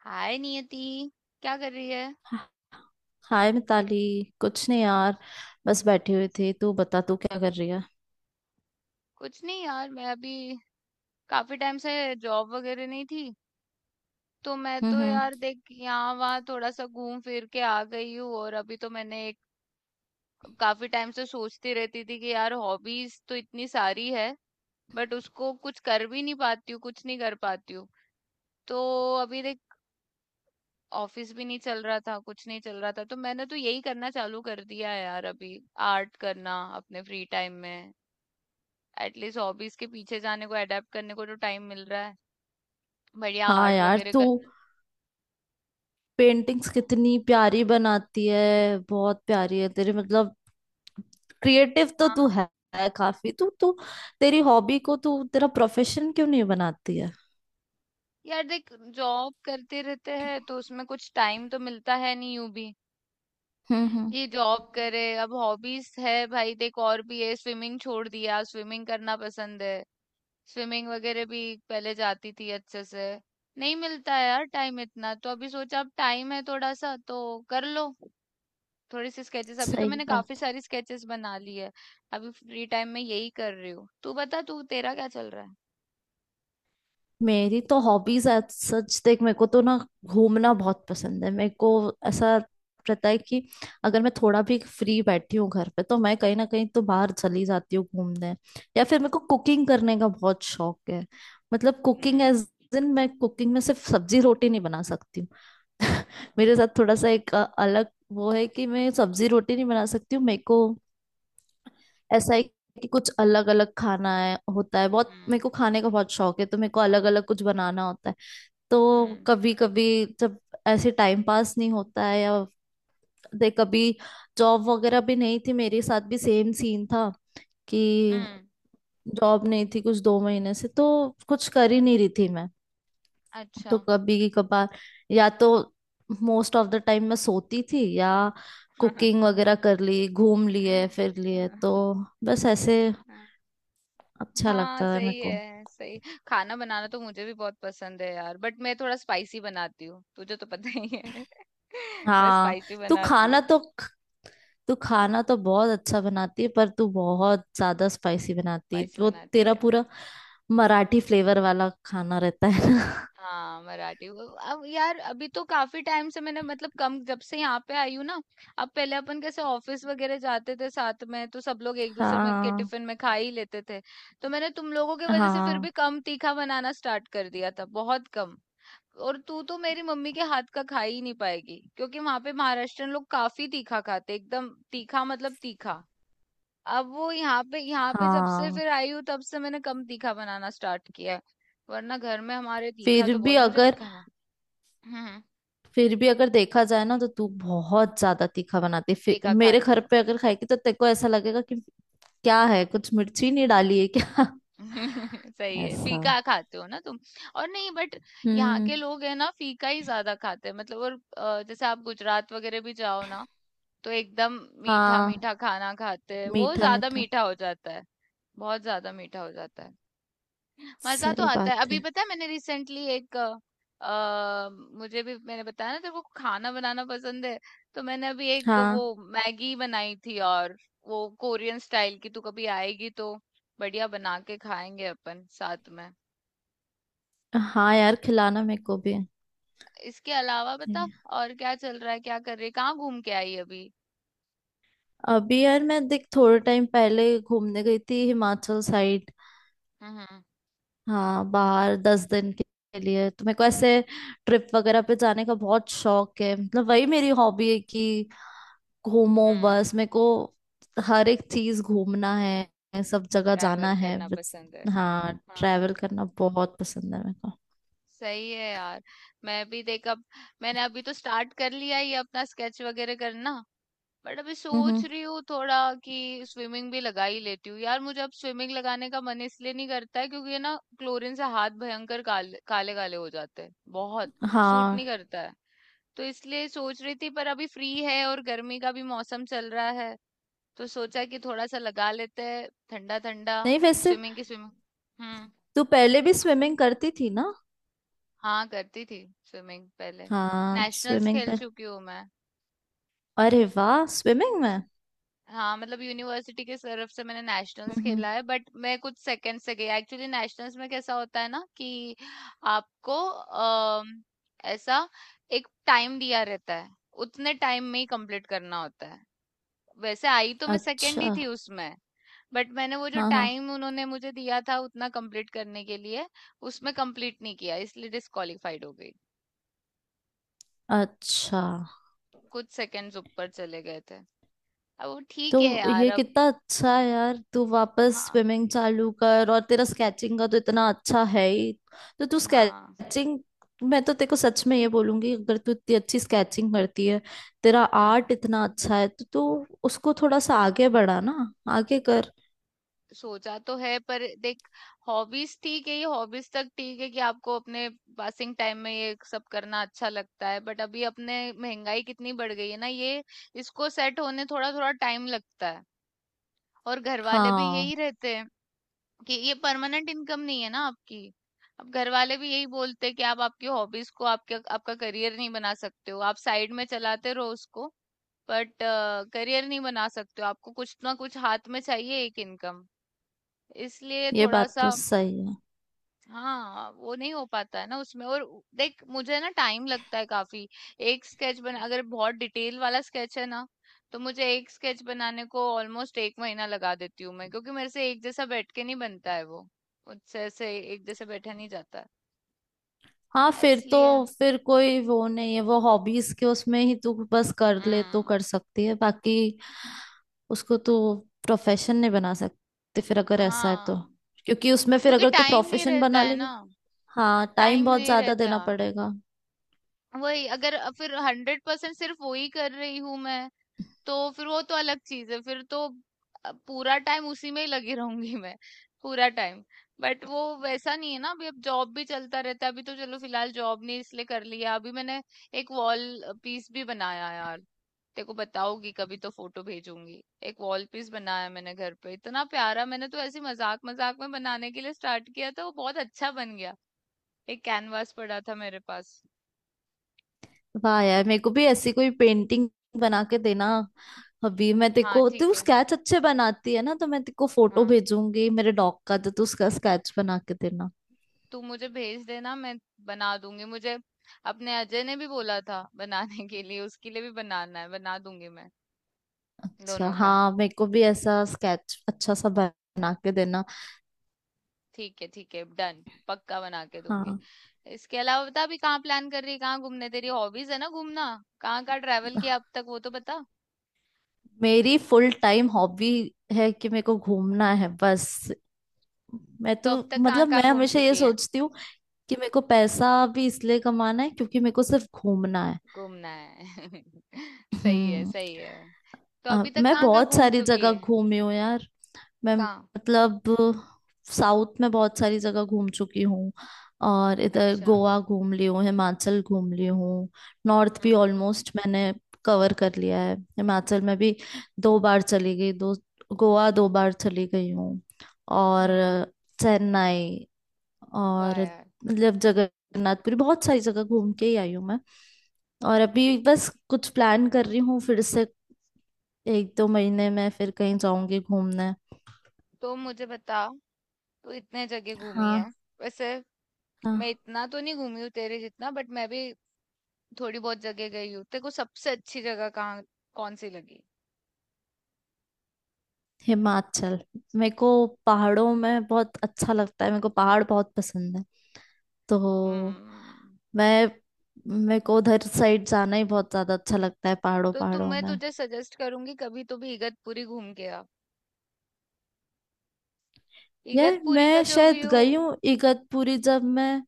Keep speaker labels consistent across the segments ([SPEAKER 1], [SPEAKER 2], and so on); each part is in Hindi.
[SPEAKER 1] हाय नियति, क्या कर रही है।
[SPEAKER 2] हाय मिताली। कुछ नहीं यार, बस बैठे हुए थे। तू बता, तू क्या कर रही है।
[SPEAKER 1] कुछ नहीं यार, मैं अभी काफी टाइम से जॉब वगैरह नहीं थी, तो मैं तो
[SPEAKER 2] हम्म।
[SPEAKER 1] यार देख यहाँ वहाँ थोड़ा सा घूम फिर के आ गई हूँ। और अभी तो मैंने एक काफी टाइम से सोचती रहती थी कि यार हॉबीज तो इतनी सारी है, बट उसको कुछ कर भी नहीं पाती हूँ, कुछ नहीं कर पाती हूँ। तो अभी देख ऑफिस भी नहीं चल रहा था, कुछ नहीं चल रहा था, तो मैंने तो यही करना चालू कर दिया है यार अभी, आर्ट करना अपने फ्री टाइम में। एटलीस्ट हॉबीज के पीछे जाने को, अडेप्ट करने को तो टाइम मिल रहा है। बढ़िया
[SPEAKER 2] हाँ
[SPEAKER 1] आर्ट
[SPEAKER 2] यार,
[SPEAKER 1] वगैरह
[SPEAKER 2] तू
[SPEAKER 1] करना।
[SPEAKER 2] पेंटिंग्स कितनी प्यारी बनाती है। बहुत प्यारी है तेरी, मतलब क्रिएटिव तो तू
[SPEAKER 1] हाँ
[SPEAKER 2] है काफी तू तू तेरी हॉबी को तू तेरा प्रोफेशन क्यों नहीं बनाती है।
[SPEAKER 1] यार, देख जॉब करते रहते हैं तो उसमें कुछ टाइम तो मिलता है नहीं यूं भी
[SPEAKER 2] हम्म।
[SPEAKER 1] कि जॉब करे। अब हॉबीज है भाई, देख और भी है, स्विमिंग छोड़ दिया, स्विमिंग करना पसंद है। स्विमिंग वगैरह भी पहले जाती थी अच्छे से। नहीं मिलता है यार टाइम इतना, तो अभी सोचा अब टाइम है थोड़ा सा तो कर लो थोड़ी सी स्केचेस। अभी तो
[SPEAKER 2] सही
[SPEAKER 1] मैंने काफी
[SPEAKER 2] बात।
[SPEAKER 1] सारी स्केचेस बना ली है। अभी फ्री टाइम में यही कर रही हूँ। तू बता, तू तेरा क्या चल रहा है।
[SPEAKER 2] मेरी तो हॉबीज, सच देख, मेरे को तो ना घूमना बहुत पसंद है। मेरे को ऐसा रहता है कि अगर मैं थोड़ा भी फ्री बैठी हूँ घर पे, तो मैं कहीं ना कहीं तो बाहर चली जाती हूँ घूमने, या फिर मेरे को कुकिंग करने का बहुत शौक है। मतलब कुकिंग एज
[SPEAKER 1] हम्म।
[SPEAKER 2] इन, मैं कुकिंग में सिर्फ सब्जी रोटी नहीं बना सकती हूँ। मेरे साथ थोड़ा सा एक अलग वो है कि मैं सब्जी रोटी नहीं बना सकती हूँ। मेरे को ऐसा है कि कुछ अलग अलग खाना है, होता है बहुत, मेरे
[SPEAKER 1] हम्म।
[SPEAKER 2] को खाने का बहुत शौक है, तो मेरे को अलग अलग कुछ बनाना होता है। तो
[SPEAKER 1] हम्म।
[SPEAKER 2] कभी कभी जब ऐसे टाइम पास नहीं होता है, या दे कभी, जॉब वगैरह भी नहीं थी, मेरे साथ भी सेम सीन था कि
[SPEAKER 1] हम्म।
[SPEAKER 2] जॉब नहीं थी कुछ 2 महीने से, तो कुछ कर ही नहीं रही थी मैं।
[SPEAKER 1] अच्छा।
[SPEAKER 2] तो कभी कभार या तो मोस्ट ऑफ द टाइम मैं सोती थी या
[SPEAKER 1] हम्म।
[SPEAKER 2] कुकिंग वगैरह कर ली, घूम लिए फिर लिए, तो बस ऐसे अच्छा
[SPEAKER 1] हाँ
[SPEAKER 2] लगता है मेरे
[SPEAKER 1] सही
[SPEAKER 2] को।
[SPEAKER 1] है, सही। खाना बनाना तो मुझे भी बहुत पसंद है यार, बट मैं थोड़ा स्पाइसी बनाती हूँ, तुझे तो पता ही है। मैं
[SPEAKER 2] हाँ।
[SPEAKER 1] स्पाइसी
[SPEAKER 2] तू
[SPEAKER 1] बनाती
[SPEAKER 2] खाना
[SPEAKER 1] हूँ।
[SPEAKER 2] तो तू खाना तो बहुत अच्छा बनाती है, पर तू बहुत ज्यादा स्पाइसी बनाती है।
[SPEAKER 1] स्पाइसी
[SPEAKER 2] वो
[SPEAKER 1] बनाती
[SPEAKER 2] तेरा
[SPEAKER 1] है।
[SPEAKER 2] पूरा मराठी फ्लेवर वाला खाना रहता है ना।
[SPEAKER 1] हाँ मराठी वो, अब यार अभी तो काफी टाइम से मैंने, मतलब कम, जब से यहाँ पे आई हूँ ना। अब पहले अपन कैसे ऑफिस वगैरह जाते थे साथ में, तो सब लोग एक दूसरे में के
[SPEAKER 2] हाँ।
[SPEAKER 1] टिफिन में खा ही लेते थे। तो मैंने तुम लोगों की वजह से फिर
[SPEAKER 2] हाँ।
[SPEAKER 1] भी कम तीखा बनाना स्टार्ट कर दिया था, बहुत कम। और तू तो मेरी मम्मी के हाथ का खा ही नहीं पाएगी, क्योंकि वहां पे महाराष्ट्रन लोग काफी तीखा खाते, एकदम तीखा, मतलब तीखा। अब वो यहाँ पे जब से
[SPEAKER 2] हाँ,
[SPEAKER 1] फिर आई हूँ, तब से मैंने कम तीखा बनाना स्टार्ट किया है। वरना घर में हमारे तीखा
[SPEAKER 2] फिर
[SPEAKER 1] तो
[SPEAKER 2] भी
[SPEAKER 1] बहुत मुझे भी
[SPEAKER 2] अगर,
[SPEAKER 1] खाना। हम्म हम्म,
[SPEAKER 2] फिर भी अगर देखा जाए ना, तो तू बहुत ज्यादा तीखा बनाती है। फिर
[SPEAKER 1] तीखा
[SPEAKER 2] मेरे
[SPEAKER 1] खाती
[SPEAKER 2] घर
[SPEAKER 1] हो।
[SPEAKER 2] पे अगर खाएगी तो तेरे को ऐसा लगेगा कि क्या है, कुछ मिर्ची नहीं डाली है क्या।
[SPEAKER 1] सही है,
[SPEAKER 2] ऐसा।
[SPEAKER 1] फीका खाते हो ना तुम। और नहीं बट यहाँ
[SPEAKER 2] हम्म।
[SPEAKER 1] के लोग है ना, फीका ही ज्यादा खाते हैं मतलब। और जैसे आप गुजरात वगैरह भी जाओ ना, तो एकदम मीठा
[SPEAKER 2] हाँ।
[SPEAKER 1] मीठा खाना खाते हैं, वो
[SPEAKER 2] मीठा
[SPEAKER 1] ज्यादा
[SPEAKER 2] मीठा।
[SPEAKER 1] मीठा हो जाता है। बहुत ज्यादा मीठा हो जाता है। मज़ा तो
[SPEAKER 2] सही
[SPEAKER 1] आता है।
[SPEAKER 2] बात
[SPEAKER 1] अभी
[SPEAKER 2] है।
[SPEAKER 1] पता है मैंने रिसेंटली एक अ, मुझे भी, मैंने बताया ना तेरे को खाना बनाना पसंद है, तो मैंने अभी एक वो
[SPEAKER 2] हाँ,
[SPEAKER 1] मैगी बनाई थी, और वो कोरियन स्टाइल की। तू कभी आएगी तो बढ़िया बना के खाएंगे अपन साथ में।
[SPEAKER 2] हाँ यार, खिलाना मेरे को भी
[SPEAKER 1] इसके अलावा बता,
[SPEAKER 2] है।
[SPEAKER 1] और क्या चल रहा है, क्या कर रही है, कहाँ घूम के आई अभी?
[SPEAKER 2] अभी यार, मैं देख थोड़े टाइम पहले घूमने गई थी हिमाचल साइड।
[SPEAKER 1] हम्म।
[SPEAKER 2] हाँ, बाहर 10 दिन के लिए। तो मेरे को ऐसे ट्रिप वगैरह पे जाने का बहुत शौक है, मतलब वही मेरी हॉबी है कि घूमो
[SPEAKER 1] हम्म।
[SPEAKER 2] बस मेरे को। हर एक चीज घूमना है, सब जगह जाना
[SPEAKER 1] ट्रैवल
[SPEAKER 2] है
[SPEAKER 1] करना
[SPEAKER 2] बस।
[SPEAKER 1] पसंद है।
[SPEAKER 2] हाँ, ट्रैवल
[SPEAKER 1] हाँ
[SPEAKER 2] करना बहुत पसंद है मेरे को।
[SPEAKER 1] सही है यार। मैं भी देख, अब मैंने अभी तो स्टार्ट कर लिया ये अपना स्केच वगैरह करना, बट अभी
[SPEAKER 2] हम्म।
[SPEAKER 1] सोच रही हूँ थोड़ा कि स्विमिंग भी लगा ही लेती हूँ यार। मुझे अब स्विमिंग लगाने का मन इसलिए नहीं करता है, क्योंकि ये ना क्लोरीन से हाथ भयंकर काले काले काले हो जाते हैं। बहुत सूट
[SPEAKER 2] हाँ।
[SPEAKER 1] नहीं करता है, तो इसलिए सोच रही थी। पर अभी फ्री है और गर्मी का भी मौसम चल रहा है, तो सोचा कि थोड़ा सा लगा लेते हैं, ठंडा ठंडा
[SPEAKER 2] नहीं, वैसे
[SPEAKER 1] स्विमिंग। हम्म।
[SPEAKER 2] तू पहले भी स्विमिंग करती थी ना।
[SPEAKER 1] हाँ करती थी, स्विमिंग पहले
[SPEAKER 2] हाँ,
[SPEAKER 1] नेशनल्स
[SPEAKER 2] स्विमिंग
[SPEAKER 1] खेल
[SPEAKER 2] पे।
[SPEAKER 1] चुकी हूँ मैं।
[SPEAKER 2] अरे वाह, स्विमिंग में।
[SPEAKER 1] हाँ मतलब यूनिवर्सिटी के तरफ से मैंने नेशनल्स
[SPEAKER 2] हम्म।
[SPEAKER 1] खेला है। बट मैं कुछ सेकंड से गई, एक्चुअली नेशनल्स में कैसा होता है ना कि आपको ऐसा एक टाइम दिया रहता है, उतने टाइम में ही कंप्लीट करना होता है। वैसे आई तो मैं सेकंड ही
[SPEAKER 2] अच्छा।
[SPEAKER 1] थी उसमें, बट मैंने वो जो
[SPEAKER 2] हाँ हाँ।
[SPEAKER 1] टाइम उन्होंने मुझे दिया था उतना कंप्लीट करने के लिए, उसमें कंप्लीट नहीं किया, इसलिए डिस्क्वालिफाइड हो गई।
[SPEAKER 2] अच्छा।
[SPEAKER 1] कुछ सेकंड्स ऊपर चले गए थे। अब वो ठीक है
[SPEAKER 2] तो
[SPEAKER 1] यार
[SPEAKER 2] ये
[SPEAKER 1] अब।
[SPEAKER 2] कितना अच्छा है यार, तू वापस
[SPEAKER 1] हाँ।
[SPEAKER 2] स्विमिंग चालू कर, और तेरा स्केचिंग का तो इतना अच्छा है ही, तो तू
[SPEAKER 1] हाँ।
[SPEAKER 2] स्केचिंग। मैं तो तेरे को सच में ये बोलूंगी, अगर तू इतनी अच्छी स्केचिंग करती है, तेरा
[SPEAKER 1] हाँ
[SPEAKER 2] आर्ट इतना अच्छा है, तो तू उसको थोड़ा सा आगे बढ़ा ना, आगे कर।
[SPEAKER 1] सोचा तो है पर देख, हॉबीज ठीक है, ये हॉबीज तक ठीक है कि आपको अपने पासिंग टाइम में ये सब करना अच्छा लगता है, बट अभी अपने महंगाई कितनी बढ़ गई है ना, ये इसको सेट होने थोड़ा थोड़ा टाइम लगता है। और घर वाले भी
[SPEAKER 2] हाँ,
[SPEAKER 1] यही रहते हैं कि ये परमानेंट इनकम नहीं है ना आपकी। अब घर वाले भी यही बोलते हैं कि आप आपकी हॉबीज को आपके आपका करियर नहीं बना सकते हो, आप साइड में चलाते रहो उसको। बट करियर नहीं बना सकते हो, आपको कुछ ना कुछ हाथ में चाहिए एक इनकम। इसलिए
[SPEAKER 2] ये
[SPEAKER 1] थोड़ा
[SPEAKER 2] बात
[SPEAKER 1] सा,
[SPEAKER 2] तो सही है।
[SPEAKER 1] हाँ वो नहीं हो पाता है ना उसमें। और देख मुझे ना टाइम लगता है काफी। एक स्केच बना, अगर बहुत डिटेल वाला स्केच है ना, तो मुझे एक स्केच बनाने को ऑलमोस्ट एक महीना लगा देती हूँ मैं, क्योंकि मेरे से एक जैसा बैठ के नहीं बनता है वो, मुझसे ऐसे एक जैसे बैठा नहीं जाता
[SPEAKER 2] हाँ,
[SPEAKER 1] है।
[SPEAKER 2] फिर तो,
[SPEAKER 1] इसलिए
[SPEAKER 2] फिर कोई वो नहीं है। वो हॉबीज के उसमें ही तू बस कर ले तो
[SPEAKER 1] हम्म।
[SPEAKER 2] कर सकती है, बाकी उसको तू प्रोफेशन नहीं बना सकती फिर, अगर ऐसा है तो।
[SPEAKER 1] हाँ
[SPEAKER 2] क्योंकि उसमें फिर
[SPEAKER 1] क्योंकि
[SPEAKER 2] अगर तू
[SPEAKER 1] टाइम नहीं
[SPEAKER 2] प्रोफेशन
[SPEAKER 1] रहता
[SPEAKER 2] बना
[SPEAKER 1] है
[SPEAKER 2] लेगी,
[SPEAKER 1] ना।
[SPEAKER 2] हाँ टाइम
[SPEAKER 1] टाइम
[SPEAKER 2] बहुत
[SPEAKER 1] नहीं
[SPEAKER 2] ज्यादा
[SPEAKER 1] रहता।
[SPEAKER 2] देना पड़ेगा।
[SPEAKER 1] वही अगर फिर 100% सिर्फ वही कर रही हूँ मैं, तो फिर वो तो अलग चीज है फिर तो। पूरा टाइम उसी में ही लगी रहूंगी मैं, पूरा टाइम। बट वो वैसा नहीं है ना अभी, अब जॉब भी चलता रहता है। अभी तो चलो फिलहाल जॉब नहीं, इसलिए कर लिया अभी मैंने। एक वॉल पीस भी बनाया यार, तेरे को बताऊंगी कभी, तो फोटो भेजूंगी। एक वॉल पीस बनाया मैंने घर पे, इतना प्यारा। मैंने तो ऐसे मजाक मजाक में बनाने के लिए स्टार्ट किया था, वो बहुत अच्छा बन गया। एक कैनवास पड़ा था मेरे पास।
[SPEAKER 2] वाह यार, मेरे को भी ऐसी कोई पेंटिंग बना के देना। अभी मैं
[SPEAKER 1] हाँ
[SPEAKER 2] देखो, तू
[SPEAKER 1] ठीक है।
[SPEAKER 2] स्केच अच्छे बनाती है ना, तो मैं तेको फोटो
[SPEAKER 1] हाँ।
[SPEAKER 2] भेजूंगी मेरे डॉग का, तो तू उसका स्केच बना के देना।
[SPEAKER 1] तू मुझे भेज देना, मैं बना दूंगी। मुझे अपने अजय ने भी बोला था बनाने के लिए, उसके लिए भी बनाना है, बना दूंगी मैं
[SPEAKER 2] अच्छा,
[SPEAKER 1] दोनों का।
[SPEAKER 2] हाँ, मेरे को भी ऐसा स्केच अच्छा सा बना के देना।
[SPEAKER 1] ठीक है ठीक है, डन, पक्का बना के दूंगी।
[SPEAKER 2] हाँ।
[SPEAKER 1] इसके अलावा बता, अभी कहाँ प्लान कर रही है, कहाँ घूमने, तेरी हॉबीज है ना घूमना। कहाँ कहाँ ट्रैवल किया अब तक, वो तो बता।
[SPEAKER 2] मेरी फुल टाइम हॉबी है कि मेरे को घूमना है बस। मैं
[SPEAKER 1] तो
[SPEAKER 2] तो,
[SPEAKER 1] अब तक कहाँ
[SPEAKER 2] मतलब मैं
[SPEAKER 1] कहाँ घूम
[SPEAKER 2] हमेशा ये
[SPEAKER 1] चुकी है।
[SPEAKER 2] सोचती हूँ कि मेरे को पैसा भी इसलिए कमाना है क्योंकि मेरे को सिर्फ घूमना है।
[SPEAKER 1] घूमना है। सही है,
[SPEAKER 2] हम्म।
[SPEAKER 1] सही है। तो अभी तक
[SPEAKER 2] मैं
[SPEAKER 1] कहाँ कहाँ
[SPEAKER 2] बहुत
[SPEAKER 1] घूम
[SPEAKER 2] सारी
[SPEAKER 1] चुकी
[SPEAKER 2] जगह
[SPEAKER 1] है।
[SPEAKER 2] घूमी हूँ यार। मैं,
[SPEAKER 1] कहाँ।
[SPEAKER 2] मतलब साउथ में बहुत सारी जगह घूम चुकी हूँ, और इधर
[SPEAKER 1] अच्छा।
[SPEAKER 2] गोवा घूम ली हूँ, हिमाचल घूम ली हूँ। नॉर्थ भी
[SPEAKER 1] हम्म।
[SPEAKER 2] ऑलमोस्ट मैंने कवर कर लिया है। हिमाचल में भी 2 बार चली गई। दो गोवा 2 बार चली गई हूँ, और
[SPEAKER 1] हम्म।
[SPEAKER 2] चेन्नई,
[SPEAKER 1] वाह
[SPEAKER 2] और
[SPEAKER 1] यार।
[SPEAKER 2] मतलब जगन्नाथपुरी, बहुत सारी जगह घूम के ही आई हूँ मैं। और अभी बस कुछ प्लान कर रही हूँ फिर से एक दो महीने में, फिर कहीं जाऊंगी घूमने।
[SPEAKER 1] तो मुझे बता, तू इतने जगह घूमी है
[SPEAKER 2] हाँ।
[SPEAKER 1] वैसे, मैं
[SPEAKER 2] हाँ।
[SPEAKER 1] इतना तो नहीं घूमी हूँ तेरे जितना, बट मैं भी थोड़ी बहुत जगह गई हूँ। तेरे को सबसे अच्छी जगह कहाँ, कौन सी लगी।
[SPEAKER 2] हिमाचल। मेरे को पहाड़ों में बहुत अच्छा लगता है, मेरे को पहाड़ बहुत पसंद है। तो
[SPEAKER 1] हम्म।
[SPEAKER 2] मैं, मेरे को उधर साइड जाना ही बहुत ज्यादा अच्छा लगता है, पहाड़ों
[SPEAKER 1] तो तुम
[SPEAKER 2] पहाड़ों
[SPEAKER 1] मैं
[SPEAKER 2] में।
[SPEAKER 1] तुझे सजेस्ट करूंगी, कभी तो भी इगतपुरी घूम के आ।
[SPEAKER 2] यार
[SPEAKER 1] इगतपुरी का
[SPEAKER 2] मैं
[SPEAKER 1] जो
[SPEAKER 2] शायद
[SPEAKER 1] व्यू,
[SPEAKER 2] गई हूँ इगतपुरी, जब मैं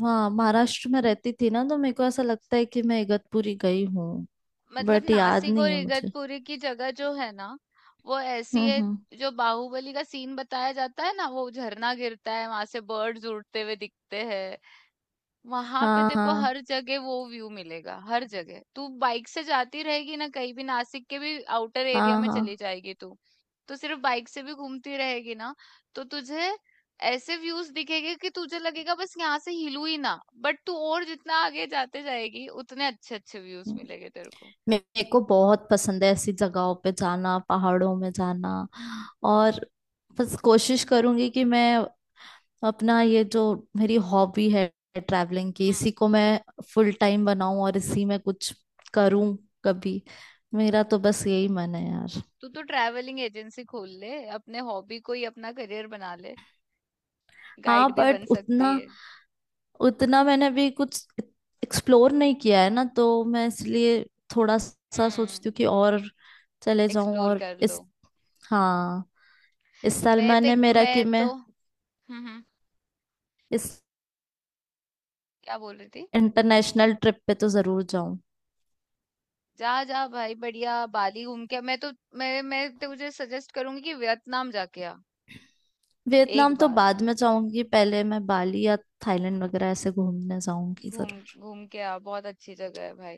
[SPEAKER 2] वहाँ महाराष्ट्र में रहती थी ना, तो मेरे को ऐसा लगता है कि मैं इगतपुरी गई हूँ।
[SPEAKER 1] मतलब
[SPEAKER 2] बट याद
[SPEAKER 1] नासिक और
[SPEAKER 2] नहीं है मुझे।
[SPEAKER 1] इगतपुरी की जगह जो है ना, वो ऐसी है,
[SPEAKER 2] हम्म।
[SPEAKER 1] जो बाहुबली का सीन बताया जाता है ना, वो झरना गिरता है, वहां से बर्ड्स उड़ते हुए दिखते हैं, वहां पे।
[SPEAKER 2] हाँ
[SPEAKER 1] देखो
[SPEAKER 2] हाँ।
[SPEAKER 1] हर जगह वो व्यू मिलेगा, हर जगह तू बाइक से जाती रहेगी ना कहीं भी, नासिक के भी आउटर एरिया
[SPEAKER 2] हाँ
[SPEAKER 1] में
[SPEAKER 2] हाँ।
[SPEAKER 1] चली जाएगी तू, तो सिर्फ बाइक से भी घूमती रहेगी ना, तो तुझे ऐसे व्यूज दिखेंगे कि तुझे लगेगा बस यहाँ से हिलू ही ना। बट तू और जितना आगे जाते जाएगी, उतने अच्छे अच्छे व्यूज मिलेंगे तेरे को।
[SPEAKER 2] मेरे को बहुत पसंद है ऐसी जगहों पे जाना, पहाड़ों में जाना, और बस कोशिश करूंगी कि मैं अपना ये जो मेरी हॉबी है ट्रैवलिंग की,
[SPEAKER 1] हम्म।
[SPEAKER 2] इसी को मैं फुल टाइम बनाऊं और इसी में कुछ करूं कभी। मेरा तो बस यही मन है यार।
[SPEAKER 1] तू तो ट्रैवलिंग एजेंसी खोल ले, अपने हॉबी को ही अपना करियर बना ले,
[SPEAKER 2] हाँ,
[SPEAKER 1] गाइड भी
[SPEAKER 2] बट
[SPEAKER 1] बन सकती
[SPEAKER 2] उतना,
[SPEAKER 1] है।
[SPEAKER 2] उतना मैंने भी कुछ एक्सप्लोर नहीं किया है ना, तो मैं इसलिए थोड़ा सा
[SPEAKER 1] हम्म।
[SPEAKER 2] सोचती हूँ कि और चले जाऊं
[SPEAKER 1] एक्सप्लोर
[SPEAKER 2] और
[SPEAKER 1] कर लो।
[SPEAKER 2] इस, हाँ, इस साल
[SPEAKER 1] मैं तो
[SPEAKER 2] मैंने मेरा कि
[SPEAKER 1] मैं
[SPEAKER 2] मैं
[SPEAKER 1] तो हम्म हम्म,
[SPEAKER 2] इस
[SPEAKER 1] क्या बोल रही थी।
[SPEAKER 2] इंटरनेशनल ट्रिप पे तो जरूर जाऊं।
[SPEAKER 1] जा जा भाई, बढ़िया बाली घूम के। मैं मैं तुझे सजेस्ट करूंगी कि वियतनाम जाके आ, एक
[SPEAKER 2] वियतनाम तो
[SPEAKER 1] बार
[SPEAKER 2] बाद में जाऊंगी, पहले मैं बाली या थाईलैंड वगैरह ऐसे घूमने जाऊंगी
[SPEAKER 1] घूम
[SPEAKER 2] जरूर।
[SPEAKER 1] घूम के आ, बहुत अच्छी जगह है भाई।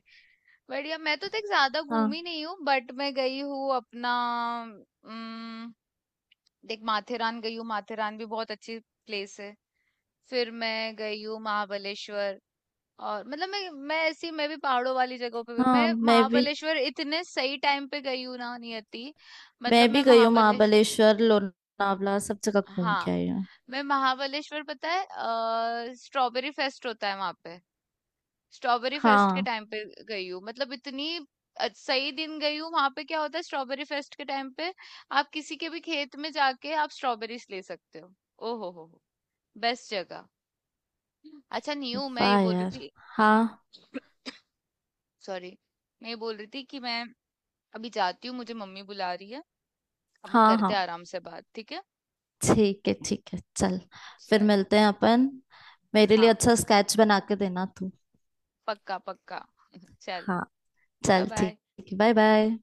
[SPEAKER 1] बढ़िया, मैं तो देख ज्यादा
[SPEAKER 2] हाँ
[SPEAKER 1] घूमी नहीं हूँ, बट मैं गई हूँ अपना, उम, देख माथेरान गई हूँ, माथेरान भी बहुत अच्छी प्लेस है। फिर मैं गई हूँ महाबलेश्वर, और मतलब मैं ऐसी, मैं भी पहाड़ों वाली जगहों पे
[SPEAKER 2] हाँ,
[SPEAKER 1] मैं
[SPEAKER 2] मैं भी,
[SPEAKER 1] महाबलेश्वर इतने सही टाइम पे गई हूँ ना नियति,
[SPEAKER 2] मैं
[SPEAKER 1] मतलब
[SPEAKER 2] भी
[SPEAKER 1] मैं
[SPEAKER 2] गई हूँ
[SPEAKER 1] महाबलेश्वर,
[SPEAKER 2] महाबलेश्वर, लोनावला सब जगह घूम के
[SPEAKER 1] हाँ,
[SPEAKER 2] आई हूँ।
[SPEAKER 1] मैं महाबलेश्वर, पता है स्ट्रॉबेरी फेस्ट होता है वहां पे, स्ट्रॉबेरी फेस्ट के
[SPEAKER 2] हाँ।
[SPEAKER 1] टाइम पे गई हूँ, मतलब इतनी सही दिन गई हूँ वहां पे। क्या होता है स्ट्रॉबेरी फेस्ट के टाइम पे, आप किसी के भी खेत में जाके आप स्ट्रॉबेरीज ले सकते हो। ओ हो, बेस्ट जगह। अच्छा न्यू, मैं ये
[SPEAKER 2] वाह
[SPEAKER 1] बोल रही
[SPEAKER 2] यार।
[SPEAKER 1] थी,
[SPEAKER 2] हाँ।
[SPEAKER 1] सॉरी, मैं ये बोल रही थी कि मैं अभी जाती हूँ, मुझे मम्मी बुला रही है। अपन
[SPEAKER 2] हाँ
[SPEAKER 1] करते
[SPEAKER 2] हाँ,
[SPEAKER 1] हैं आराम से बात, ठीक है,
[SPEAKER 2] ठीक है ठीक है, चल, फिर
[SPEAKER 1] चल।
[SPEAKER 2] मिलते हैं अपन। मेरे लिए
[SPEAKER 1] हाँ,
[SPEAKER 2] अच्छा स्केच बना के देना तू।
[SPEAKER 1] पक्का पक्का। चल,
[SPEAKER 2] हाँ।
[SPEAKER 1] बाय
[SPEAKER 2] चल
[SPEAKER 1] बाय।
[SPEAKER 2] ठीक है, बाय बाय।